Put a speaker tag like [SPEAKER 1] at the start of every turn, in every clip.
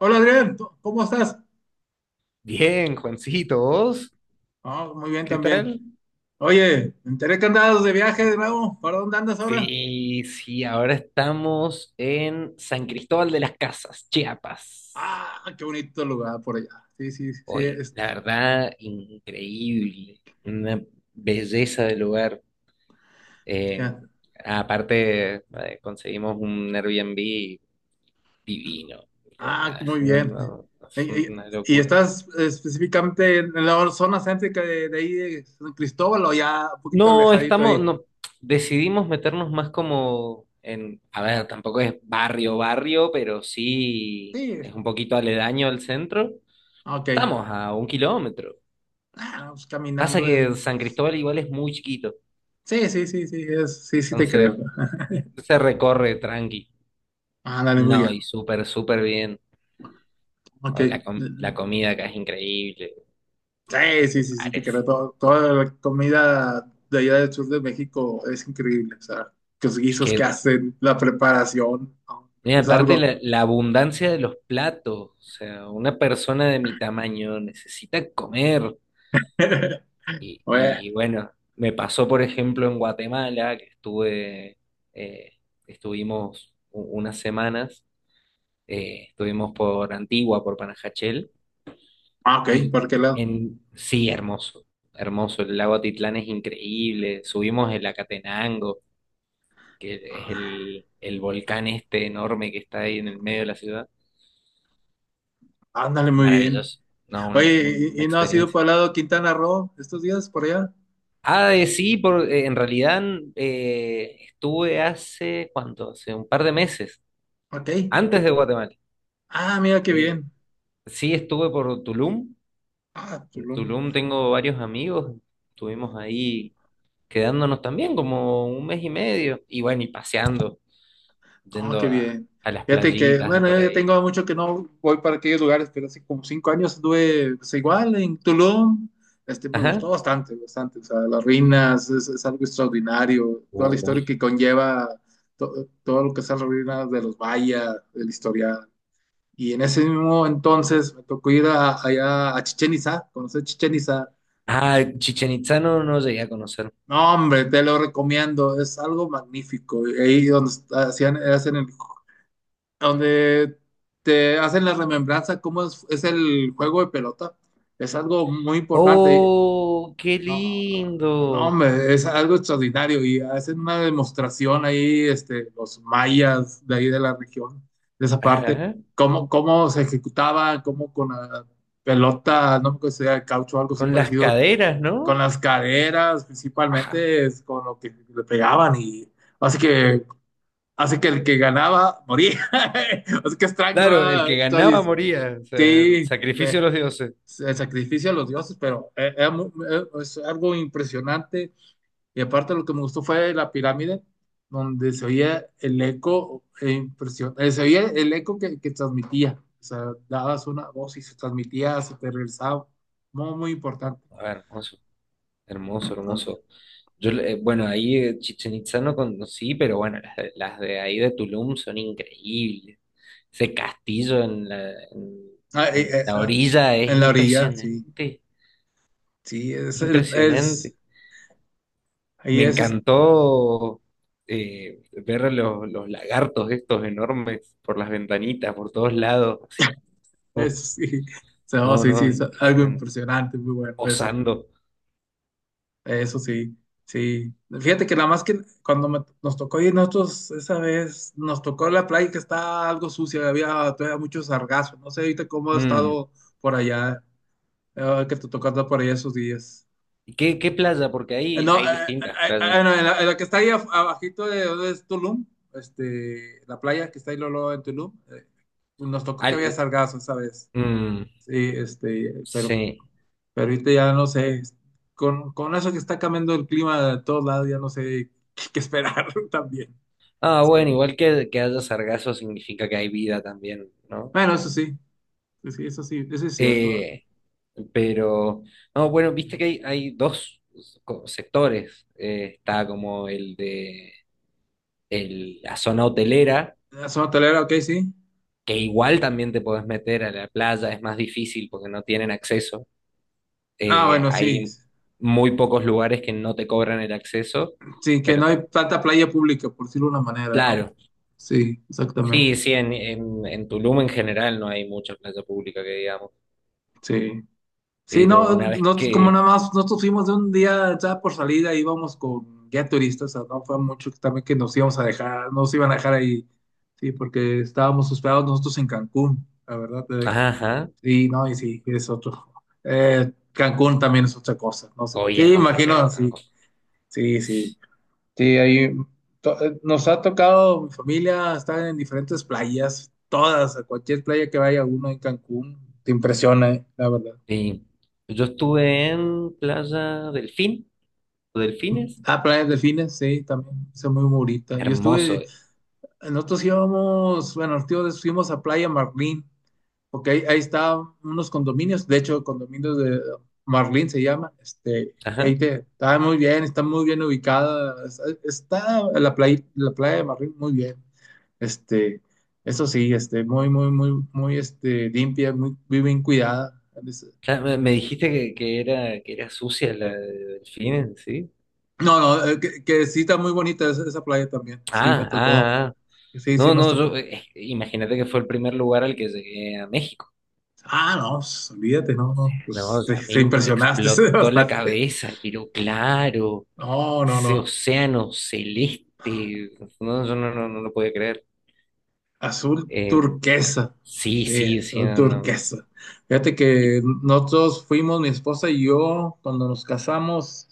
[SPEAKER 1] Hola Adrián, ¿cómo estás?
[SPEAKER 2] Bien, Juancito, ¿vos?
[SPEAKER 1] Ah, muy bien
[SPEAKER 2] ¿Qué
[SPEAKER 1] también.
[SPEAKER 2] tal?
[SPEAKER 1] Oye, me enteré que andabas de viaje de nuevo. ¿Para dónde andas ahora?
[SPEAKER 2] Sí, sí, ahora estamos en San Cristóbal de las Casas, Chiapas.
[SPEAKER 1] Ah, qué bonito lugar por allá. Sí, sí, sí.
[SPEAKER 2] Hoy, la verdad, increíble, una belleza de lugar. Eh,
[SPEAKER 1] Ya.
[SPEAKER 2] Aparte, conseguimos un Airbnb divino. No,
[SPEAKER 1] Ah,
[SPEAKER 2] nada, es
[SPEAKER 1] muy
[SPEAKER 2] una,
[SPEAKER 1] bien.
[SPEAKER 2] no, no,
[SPEAKER 1] Y,
[SPEAKER 2] es
[SPEAKER 1] y-
[SPEAKER 2] una
[SPEAKER 1] y
[SPEAKER 2] locura.
[SPEAKER 1] estás específicamente en la zona céntrica de ahí, de San Cristóbal, o ya un poquito
[SPEAKER 2] No,
[SPEAKER 1] alejadito
[SPEAKER 2] estamos,
[SPEAKER 1] ahí.
[SPEAKER 2] no, decidimos meternos más como en, a ver, tampoco es barrio, barrio, pero sí
[SPEAKER 1] Sí,
[SPEAKER 2] es un poquito aledaño al centro.
[SPEAKER 1] ok.
[SPEAKER 2] Estamos a 1 km.
[SPEAKER 1] Ah, pues
[SPEAKER 2] Pasa
[SPEAKER 1] caminando
[SPEAKER 2] que
[SPEAKER 1] en.
[SPEAKER 2] San Cristóbal igual es muy chiquito,
[SPEAKER 1] Sí, sí, sí, sí, sí, sí te creo.
[SPEAKER 2] entonces se recorre tranqui.
[SPEAKER 1] Ah, dale, muy
[SPEAKER 2] No, y
[SPEAKER 1] bien.
[SPEAKER 2] súper, súper bien.
[SPEAKER 1] Ok.
[SPEAKER 2] O la, la comida acá es increíble, a
[SPEAKER 1] Sí,
[SPEAKER 2] los
[SPEAKER 1] sí, sí, sí, te
[SPEAKER 2] lugares.
[SPEAKER 1] creo. Toda la comida de allá del sur de México es increíble. O sea, los
[SPEAKER 2] Es
[SPEAKER 1] guisos que
[SPEAKER 2] que,
[SPEAKER 1] hacen, la preparación, no, hombre,
[SPEAKER 2] mira,
[SPEAKER 1] es
[SPEAKER 2] aparte
[SPEAKER 1] algo.
[SPEAKER 2] la abundancia de los platos, o sea, una persona de mi tamaño necesita comer. Y,
[SPEAKER 1] Oye,
[SPEAKER 2] y bueno, me pasó, por ejemplo, en Guatemala, que estuve, eh, estuvimos unas semanas, estuvimos por Antigua, por Panajachel,
[SPEAKER 1] ah, ok,
[SPEAKER 2] y
[SPEAKER 1] ¿por qué lado?
[SPEAKER 2] en, sí, hermoso, hermoso, el lago Atitlán es increíble, subimos el Acatenango, que es
[SPEAKER 1] Ah,
[SPEAKER 2] el volcán este enorme que está ahí en el medio de la ciudad,
[SPEAKER 1] ándale, muy bien.
[SPEAKER 2] maravilloso, no,
[SPEAKER 1] Oye, ¿y,
[SPEAKER 2] una
[SPEAKER 1] y no has ido para
[SPEAKER 2] experiencia.
[SPEAKER 1] el lado de Quintana Roo estos días por allá?
[SPEAKER 2] Ah, de sí, por, en realidad estuve hace, ¿cuánto? Hace un par de meses,
[SPEAKER 1] Ok.
[SPEAKER 2] antes de Guatemala.
[SPEAKER 1] Ah, mira qué
[SPEAKER 2] Eh,
[SPEAKER 1] bien.
[SPEAKER 2] sí, estuve por Tulum.
[SPEAKER 1] Ah,
[SPEAKER 2] En
[SPEAKER 1] Tulum.
[SPEAKER 2] Tulum tengo varios amigos. Estuvimos ahí quedándonos también como un mes y medio. Y bueno, y paseando,
[SPEAKER 1] Ah,
[SPEAKER 2] yendo
[SPEAKER 1] qué
[SPEAKER 2] a,
[SPEAKER 1] bien.
[SPEAKER 2] a las
[SPEAKER 1] Fíjate que,
[SPEAKER 2] playitas de
[SPEAKER 1] bueno,
[SPEAKER 2] por
[SPEAKER 1] yo ya
[SPEAKER 2] ahí.
[SPEAKER 1] tengo mucho que no voy para aquellos lugares, pero hace como 5 años estuve pues, igual en Tulum. Este, me
[SPEAKER 2] Ajá.
[SPEAKER 1] gustó bastante, bastante. O sea, las ruinas es algo extraordinario. Toda la historia
[SPEAKER 2] Uy.
[SPEAKER 1] que conlleva todo lo que son las ruinas de los mayas, del historial. Y en ese mismo entonces me tocó ir allá a Chichén Itzá, conocer Chichén Itzá.
[SPEAKER 2] Ah, Chichen Itzá no, no llegué a conocer.
[SPEAKER 1] No, hombre, te lo recomiendo. Es algo magnífico. Ahí donde hacían, hacen el donde te hacen la remembranza cómo es el juego de pelota. Es algo muy importante.
[SPEAKER 2] ¡Oh, qué
[SPEAKER 1] No, no,
[SPEAKER 2] lindo!
[SPEAKER 1] hombre, es algo extraordinario y hacen una demostración ahí, este, los mayas de ahí de la región, de esa parte,
[SPEAKER 2] Ajá.
[SPEAKER 1] cómo se ejecutaba, cómo con la pelota, no me acuerdo si era de caucho o algo así
[SPEAKER 2] Con las
[SPEAKER 1] parecido,
[SPEAKER 2] caderas,
[SPEAKER 1] con
[SPEAKER 2] ¿no?
[SPEAKER 1] las caderas principalmente, es con lo que le pegaban y así que Así que el que ganaba moría. Así que extraño
[SPEAKER 2] Claro, el que
[SPEAKER 1] esta.
[SPEAKER 2] ganaba moría. O sea, el
[SPEAKER 1] Sí,
[SPEAKER 2] sacrificio de
[SPEAKER 1] pues,
[SPEAKER 2] los dioses.
[SPEAKER 1] el sacrificio a los dioses, pero era es algo impresionante. Y aparte lo que me gustó fue la pirámide, donde se oía el eco, e se oía el eco que transmitía. O sea, dabas una voz y se transmitía, se te regresaba. Muy, muy importante.
[SPEAKER 2] A ver, hermoso, hermoso, hermoso. Yo, bueno, ahí Chichen Itzá no conocí, pero bueno, las de ahí de Tulum son increíbles. Ese castillo en la, en,
[SPEAKER 1] Ah,
[SPEAKER 2] en la orilla es
[SPEAKER 1] en la orilla, sí.
[SPEAKER 2] impresionante,
[SPEAKER 1] Sí, es,
[SPEAKER 2] es
[SPEAKER 1] el, es,
[SPEAKER 2] impresionante.
[SPEAKER 1] ahí
[SPEAKER 2] Me
[SPEAKER 1] es.
[SPEAKER 2] encantó, ver los lagartos estos enormes por las ventanitas, por todos lados. Así. Uf,
[SPEAKER 1] Eso sí, o sea, oh,
[SPEAKER 2] no,
[SPEAKER 1] sí, sí,
[SPEAKER 2] no,
[SPEAKER 1] es algo
[SPEAKER 2] impresionante.
[SPEAKER 1] impresionante, muy bueno eso,
[SPEAKER 2] Posando.
[SPEAKER 1] eso sí, sí. Fíjate que nada más que cuando nos tocó ir nosotros esa vez, nos tocó la playa que está algo sucia, había todavía mucho sargazo, no sé ahorita cómo ha
[SPEAKER 2] Mm.
[SPEAKER 1] estado por allá, que te tocó andar por allá esos días.
[SPEAKER 2] ¿Qué playa? Porque ahí
[SPEAKER 1] No,
[SPEAKER 2] hay distintas playas.
[SPEAKER 1] no, en la que está ahí abajito de donde es Tulum, este, la playa que está ahí luego luego en Tulum, nos tocó que había
[SPEAKER 2] Al-
[SPEAKER 1] sargazo esa vez.
[SPEAKER 2] mm,
[SPEAKER 1] Sí, este, pero.
[SPEAKER 2] sí.
[SPEAKER 1] Pero ahorita ya no sé, con eso que está cambiando el clima de todos lados, ya no sé qué esperar también.
[SPEAKER 2] Ah, bueno,
[SPEAKER 1] Sí.
[SPEAKER 2] igual que haya sargazo significa que hay vida también, ¿no?
[SPEAKER 1] Bueno, eso sí, sí, eso es cierto.
[SPEAKER 2] Eh, pero, no, bueno, viste
[SPEAKER 1] Mm.
[SPEAKER 2] que hay dos sectores. Está como el de la zona hotelera,
[SPEAKER 1] La zona hotelera, ok, sí.
[SPEAKER 2] que igual también te podés meter a la playa, es más difícil porque no tienen acceso.
[SPEAKER 1] Ah, bueno, sí.
[SPEAKER 2] Hay muy pocos lugares que no te cobran el acceso,
[SPEAKER 1] Sí, que no
[SPEAKER 2] pero
[SPEAKER 1] hay
[SPEAKER 2] te...
[SPEAKER 1] tanta playa pública, por decirlo de una manera, ¿no?
[SPEAKER 2] Claro,
[SPEAKER 1] Sí, exactamente.
[SPEAKER 2] sí, sí, en Tulum en general no hay mucha playa pública que digamos,
[SPEAKER 1] Sí. Sí,
[SPEAKER 2] pero
[SPEAKER 1] no,
[SPEAKER 2] una vez
[SPEAKER 1] nosotros como
[SPEAKER 2] que...
[SPEAKER 1] nada más, nosotros fuimos de un día ya por salida, íbamos con guía turista, o sea, no fue mucho que también que nos íbamos a dejar, nos iban a dejar ahí, sí, porque estábamos hospedados nosotros en Cancún, la verdad,
[SPEAKER 2] Ajá,
[SPEAKER 1] sí, no, y sí, es otro. Cancún también es otra cosa, no sé,
[SPEAKER 2] hoy
[SPEAKER 1] sí,
[SPEAKER 2] es otro
[SPEAKER 1] imagino,
[SPEAKER 2] pedo,
[SPEAKER 1] sí,
[SPEAKER 2] Cancún.
[SPEAKER 1] sí, sí, sí, ahí nos ha tocado, mi familia está en diferentes playas, todas, a cualquier playa que vaya uno en Cancún, te impresiona, la verdad.
[SPEAKER 2] Sí, yo estuve en Playa Delfín, o Delfines,
[SPEAKER 1] Ah, playas delfines, sí, también, son muy bonita. Yo
[SPEAKER 2] hermoso.
[SPEAKER 1] estuve, nosotros íbamos, bueno, los tíos fuimos a Playa Marlín, porque ahí estaban unos condominios, de hecho, condominios de Marlín se llama, este,
[SPEAKER 2] Ajá.
[SPEAKER 1] ahí te, está muy bien ubicada, está la playa de Marlín muy bien, este, eso sí, este, muy, muy, muy, muy, este, limpia, muy, muy bien cuidada.
[SPEAKER 2] Ya me dijiste que era sucia la de Delfines, ¿sí?
[SPEAKER 1] No, no, que sí está muy bonita esa playa también, sí, me
[SPEAKER 2] Ah,
[SPEAKER 1] tocó,
[SPEAKER 2] ah, ah.
[SPEAKER 1] sí, sí
[SPEAKER 2] No,
[SPEAKER 1] nos
[SPEAKER 2] no, yo,
[SPEAKER 1] tocó.
[SPEAKER 2] imagínate que fue el primer lugar al que llegué a México.
[SPEAKER 1] Ah, no, pues, olvídate, no, no,
[SPEAKER 2] No,
[SPEAKER 1] pues te,
[SPEAKER 2] a
[SPEAKER 1] te
[SPEAKER 2] mí me
[SPEAKER 1] impresionaste, se
[SPEAKER 2] explotó la
[SPEAKER 1] devastaste.
[SPEAKER 2] cabeza, pero claro.
[SPEAKER 1] No, no,
[SPEAKER 2] Ese
[SPEAKER 1] no.
[SPEAKER 2] océano celeste, no, yo no, no, no lo podía creer.
[SPEAKER 1] Azul
[SPEAKER 2] Eh,
[SPEAKER 1] turquesa.
[SPEAKER 2] sí,
[SPEAKER 1] Sí,
[SPEAKER 2] sí, sí,
[SPEAKER 1] azul
[SPEAKER 2] no, no,
[SPEAKER 1] turquesa. Fíjate
[SPEAKER 2] y
[SPEAKER 1] que nosotros fuimos, mi esposa y yo, cuando nos casamos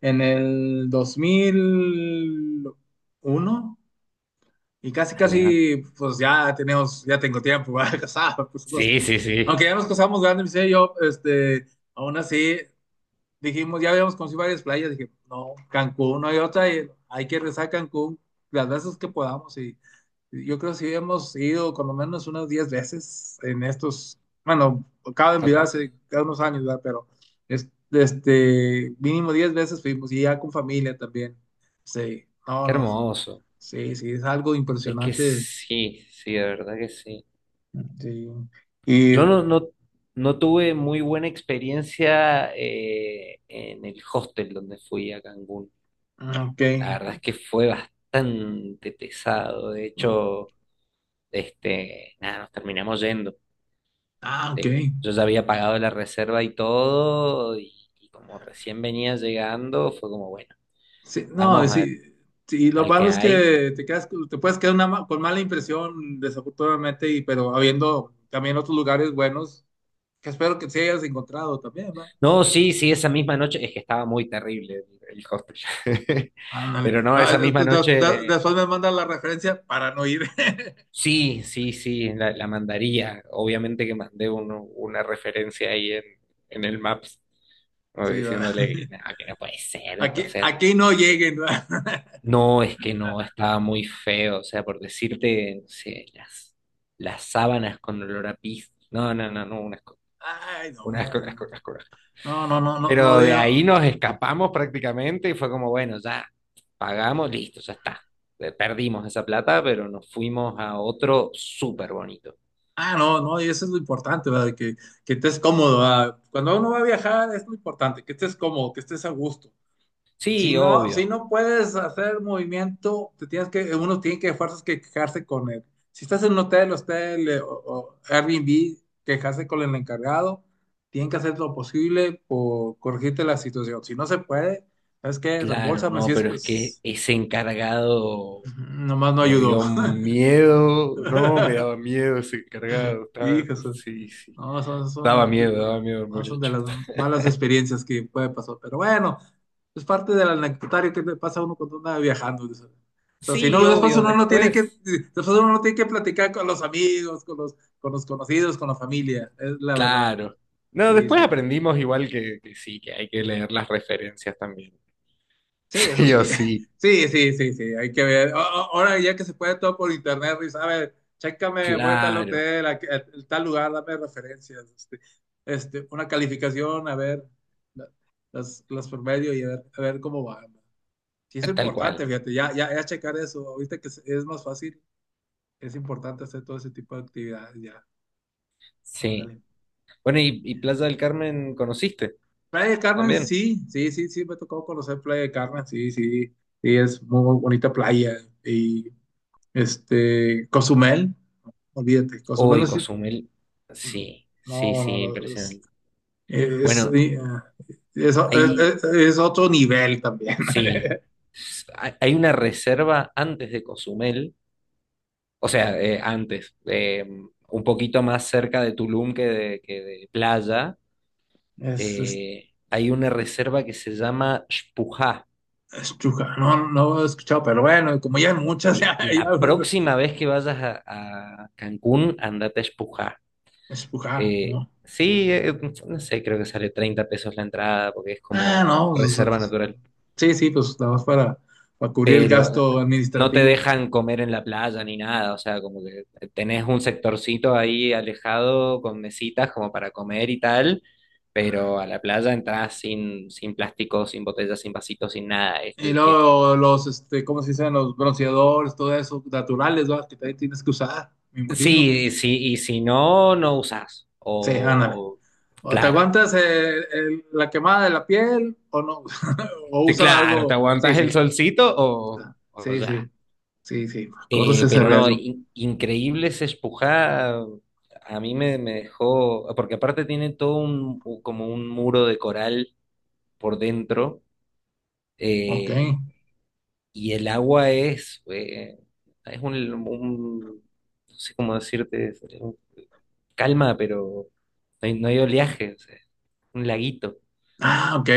[SPEAKER 1] en el 2001 y casi,
[SPEAKER 2] allá.
[SPEAKER 1] casi, pues ya tenemos, ya tengo tiempo para casar, por supuesto.
[SPEAKER 2] Sí, sí, sí.
[SPEAKER 1] Aunque ya nos casamos grandes, mi señor y yo, este, aún así, dijimos, ya habíamos conocido varias playas, dije, no, Cancún, no hay otra, y hay que rezar Cancún las veces que podamos. Y yo creo que sí hemos ido con lo menos unas 10 veces en estos, bueno, cada envidia
[SPEAKER 2] Apa,
[SPEAKER 1] hace cada unos años, ¿verdad? Pero este, mínimo 10 veces fuimos y ya con familia también. Sí, no,
[SPEAKER 2] qué
[SPEAKER 1] no,
[SPEAKER 2] hermoso.
[SPEAKER 1] sí, sí, es algo
[SPEAKER 2] Es que
[SPEAKER 1] impresionante.
[SPEAKER 2] sí, sí, de verdad que sí.
[SPEAKER 1] Sí. Y,
[SPEAKER 2] Yo no, no, no tuve muy buena experiencia en el hostel donde fui a Cancún.
[SPEAKER 1] ok.
[SPEAKER 2] La verdad es que fue bastante pesado. De hecho, este, nada, nos terminamos yendo.
[SPEAKER 1] Ah, ok.
[SPEAKER 2] Yo ya había pagado la reserva y todo, y como recién venía llegando, fue como, bueno,
[SPEAKER 1] Sí, no,
[SPEAKER 2] vamos al,
[SPEAKER 1] sí, sí, lo
[SPEAKER 2] al
[SPEAKER 1] malo
[SPEAKER 2] que
[SPEAKER 1] es
[SPEAKER 2] hay.
[SPEAKER 1] que te quedas, te puedes quedar una con mala impresión, desafortunadamente, y, pero habiendo también otros lugares buenos, que espero que sí hayas encontrado también, ¿va?
[SPEAKER 2] No, sí, sí, esa misma noche, es que estaba muy terrible el hostel,
[SPEAKER 1] Ándale.
[SPEAKER 2] pero no,
[SPEAKER 1] Ah,
[SPEAKER 2] esa misma noche,
[SPEAKER 1] después me mandas la referencia para no ir.
[SPEAKER 2] sí, sí, sí, la mandaría. Obviamente que mandé una referencia ahí en, el Maps, como
[SPEAKER 1] Sí, va.
[SPEAKER 2] diciéndole que no puede ser,
[SPEAKER 1] Aquí,
[SPEAKER 2] entonces...
[SPEAKER 1] aquí no lleguen, ¿va?
[SPEAKER 2] No, es que no, estaba muy feo, o sea, por decirte, no sé, las sábanas con olor a pis. No, no, no, no, un asco,
[SPEAKER 1] Ay, no,
[SPEAKER 2] un asco, un asco,
[SPEAKER 1] no.
[SPEAKER 2] un asco, un asco.
[SPEAKER 1] No, no, no, no, no,
[SPEAKER 2] Pero de
[SPEAKER 1] digo-
[SPEAKER 2] ahí nos escapamos prácticamente y fue como, bueno, ya pagamos, listo, ya está. Perdimos esa plata, pero nos fuimos a otro súper bonito.
[SPEAKER 1] Ah, no, no, y eso es lo importante, ¿verdad? Que estés cómodo, ¿verdad? Cuando uno va a viajar es lo importante, que estés cómodo, que estés a gusto. Si
[SPEAKER 2] Sí,
[SPEAKER 1] no, si
[SPEAKER 2] obvio,
[SPEAKER 1] no puedes hacer movimiento, te tienes que, uno tiene que fuerzas que quejarse con él. Si estás en un hotel, hostel o Airbnb, quejarse con el encargado, tienen que hacer lo posible por corregirte la situación. Si no se puede, ¿sabes qué?
[SPEAKER 2] claro,
[SPEAKER 1] Reembolsame si
[SPEAKER 2] no,
[SPEAKER 1] es
[SPEAKER 2] pero es que
[SPEAKER 1] pues
[SPEAKER 2] ese encargado
[SPEAKER 1] nomás no
[SPEAKER 2] me
[SPEAKER 1] ayudó.
[SPEAKER 2] dio miedo, no, me daba miedo ese encargado, estaba,
[SPEAKER 1] Híjole.
[SPEAKER 2] sí, sí.
[SPEAKER 1] No, una.
[SPEAKER 2] Daba miedo el
[SPEAKER 1] No, son de
[SPEAKER 2] muchacho.
[SPEAKER 1] las malas experiencias que puede pasar. Pero bueno, es parte del anecdotario que le pasa a uno cuando anda viajando. O sea, si
[SPEAKER 2] Sí,
[SPEAKER 1] no, después
[SPEAKER 2] obvio,
[SPEAKER 1] uno no tiene que,
[SPEAKER 2] después.
[SPEAKER 1] después uno no tiene que platicar con los amigos, con los conocidos, con la familia. Es la verdad.
[SPEAKER 2] Claro. No,
[SPEAKER 1] Sí,
[SPEAKER 2] después
[SPEAKER 1] sí.
[SPEAKER 2] aprendimos igual que sí, que hay que leer las referencias también.
[SPEAKER 1] Sí, eso
[SPEAKER 2] Sí o
[SPEAKER 1] sí.
[SPEAKER 2] sí.
[SPEAKER 1] Sí, sí, sí, sí, hay que ver. Ahora ya que se puede todo por internet, Ruiz, a ver, chécame, voy a tal
[SPEAKER 2] Claro,
[SPEAKER 1] hotel, a tal lugar, dame referencias, este, una calificación, a ver, la- las promedio y a ver cómo va. ¿No? Sí, es
[SPEAKER 2] tal
[SPEAKER 1] importante,
[SPEAKER 2] cual.
[SPEAKER 1] fíjate, ya checar eso, ahorita que es más fácil, es importante hacer todo ese tipo de actividades, ya,
[SPEAKER 2] Sí.
[SPEAKER 1] ándale.
[SPEAKER 2] Bueno, ¿y Plaza del Carmen conociste
[SPEAKER 1] Playa del Carmen,
[SPEAKER 2] también?
[SPEAKER 1] sí, sí, sí, sí, me tocó conocer Playa del Carmen, sí, sí, sí, es muy, muy bonita playa y. Este, Cozumel, olvídate, Cozumel no
[SPEAKER 2] Uy,
[SPEAKER 1] es,
[SPEAKER 2] Cozumel. Sí, sí,
[SPEAKER 1] no, no,
[SPEAKER 2] sí,
[SPEAKER 1] no,
[SPEAKER 2] impresionante.
[SPEAKER 1] es,
[SPEAKER 2] Bueno,
[SPEAKER 1] eh, es- es-
[SPEAKER 2] ahí
[SPEAKER 1] es otro nivel también.
[SPEAKER 2] sí. Hay una reserva antes de Cozumel. O sea, antes, un poquito más cerca de Tulum que de playa,
[SPEAKER 1] Es, es,
[SPEAKER 2] hay una reserva que se llama Xpujá.
[SPEAKER 1] es Chuja, no, no he escuchado, pero bueno, como ya hay muchas,
[SPEAKER 2] Oye,
[SPEAKER 1] ya, ya
[SPEAKER 2] la
[SPEAKER 1] uno-
[SPEAKER 2] próxima vez que vayas a Cancún, andate a Xpujá.
[SPEAKER 1] Es Chuja, ¿no?
[SPEAKER 2] Sí, no sé, creo que sale 30 pesos la entrada porque es
[SPEAKER 1] Ah,
[SPEAKER 2] como
[SPEAKER 1] no, pues,
[SPEAKER 2] reserva
[SPEAKER 1] pues,
[SPEAKER 2] natural.
[SPEAKER 1] sí, sí, pues nada más para, cubrir el
[SPEAKER 2] Pero
[SPEAKER 1] gasto
[SPEAKER 2] no te
[SPEAKER 1] administrativo.
[SPEAKER 2] dejan comer en la playa ni nada, o sea, como que tenés un sectorcito ahí alejado con mesitas como para comer y tal, pero a la playa entras sin, plástico, sin botellas, sin vasitos, sin nada. Es-
[SPEAKER 1] Y
[SPEAKER 2] y es-
[SPEAKER 1] luego los, este, ¿cómo se dicen? Los bronceadores, todo eso, naturales, ¿verdad? Que también tienes que usar, me imagino.
[SPEAKER 2] sí, sí, y si no, no usás.
[SPEAKER 1] Sí, ándale.
[SPEAKER 2] O-
[SPEAKER 1] O te
[SPEAKER 2] claro,
[SPEAKER 1] aguantas la quemada de la piel o no, o usa
[SPEAKER 2] claro, te
[SPEAKER 1] algo. Sí,
[SPEAKER 2] aguantas el
[SPEAKER 1] sí,
[SPEAKER 2] solcito o
[SPEAKER 1] sí,
[SPEAKER 2] ya.
[SPEAKER 1] sí, sí, sí, corres ese
[SPEAKER 2] Pero no,
[SPEAKER 1] riesgo.
[SPEAKER 2] increíble esa espujá. A mí me dejó, porque aparte tiene todo un, como un muro de coral por dentro,
[SPEAKER 1] Ok.
[SPEAKER 2] eh, y el agua es un- no sé cómo decirte, es un- calma, pero no hay, no hay oleaje, o sea, un laguito.
[SPEAKER 1] Ah, ok,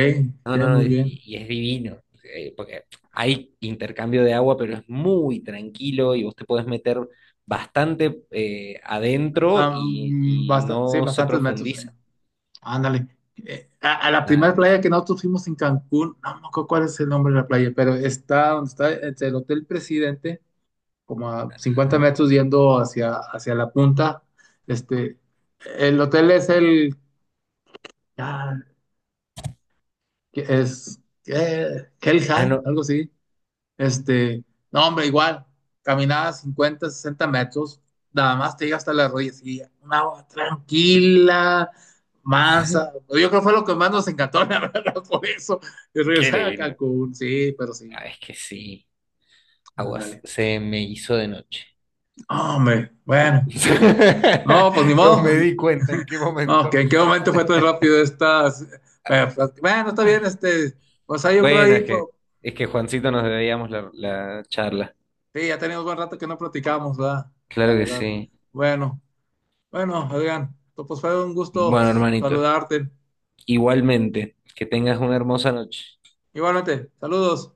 [SPEAKER 2] No,
[SPEAKER 1] ok,
[SPEAKER 2] no, no,
[SPEAKER 1] muy bien.
[SPEAKER 2] y es divino, porque hay intercambio de agua, pero es muy tranquilo y vos te podés meter bastante adentro y, y
[SPEAKER 1] Sí,
[SPEAKER 2] no se
[SPEAKER 1] bastantes metros.
[SPEAKER 2] profundiza.
[SPEAKER 1] Ándale. A la
[SPEAKER 2] Nada,
[SPEAKER 1] primera
[SPEAKER 2] hermoso.
[SPEAKER 1] playa que nosotros fuimos en Cancún, no me acuerdo cuál es el nombre de la playa, pero está donde está entre el Hotel Presidente, como a 50
[SPEAKER 2] Ajá.
[SPEAKER 1] metros yendo hacia la punta. Este, el hotel es el. Ah, que es que
[SPEAKER 2] Ah,
[SPEAKER 1] Helja,
[SPEAKER 2] no,
[SPEAKER 1] algo así. Este, no, hombre, igual, caminaba 50 60 metros, nada más te llega hasta las rodillas y una agua tranquila, mansa. Yo creo que fue lo que más nos encantó, la verdad, por eso. Y
[SPEAKER 2] qué
[SPEAKER 1] regresar a
[SPEAKER 2] lindo.
[SPEAKER 1] Cancún, sí, pero sí.
[SPEAKER 2] Ah, es que sí, aguas,
[SPEAKER 1] Ándale.
[SPEAKER 2] se me hizo de noche.
[SPEAKER 1] No, hombre, bueno, no, pues ni
[SPEAKER 2] No me
[SPEAKER 1] modo.
[SPEAKER 2] di cuenta en qué
[SPEAKER 1] No,
[SPEAKER 2] momento.
[SPEAKER 1] que en qué momento fue tan rápido esta. Bueno, pues, bueno, está bien, este. Pues ahí yo creo
[SPEAKER 2] Bueno,
[SPEAKER 1] ahí,
[SPEAKER 2] es
[SPEAKER 1] pues.
[SPEAKER 2] que, es que Juancito nos debíamos la charla.
[SPEAKER 1] Sí, ya teníamos buen rato que no platicamos, ¿verdad? La
[SPEAKER 2] Claro que
[SPEAKER 1] verdad.
[SPEAKER 2] sí.
[SPEAKER 1] Bueno, bueno, Adrián, pues fue un gusto
[SPEAKER 2] Bueno, hermanito,
[SPEAKER 1] saludarte.
[SPEAKER 2] igualmente, que tengas una hermosa noche.
[SPEAKER 1] Igualmente, saludos.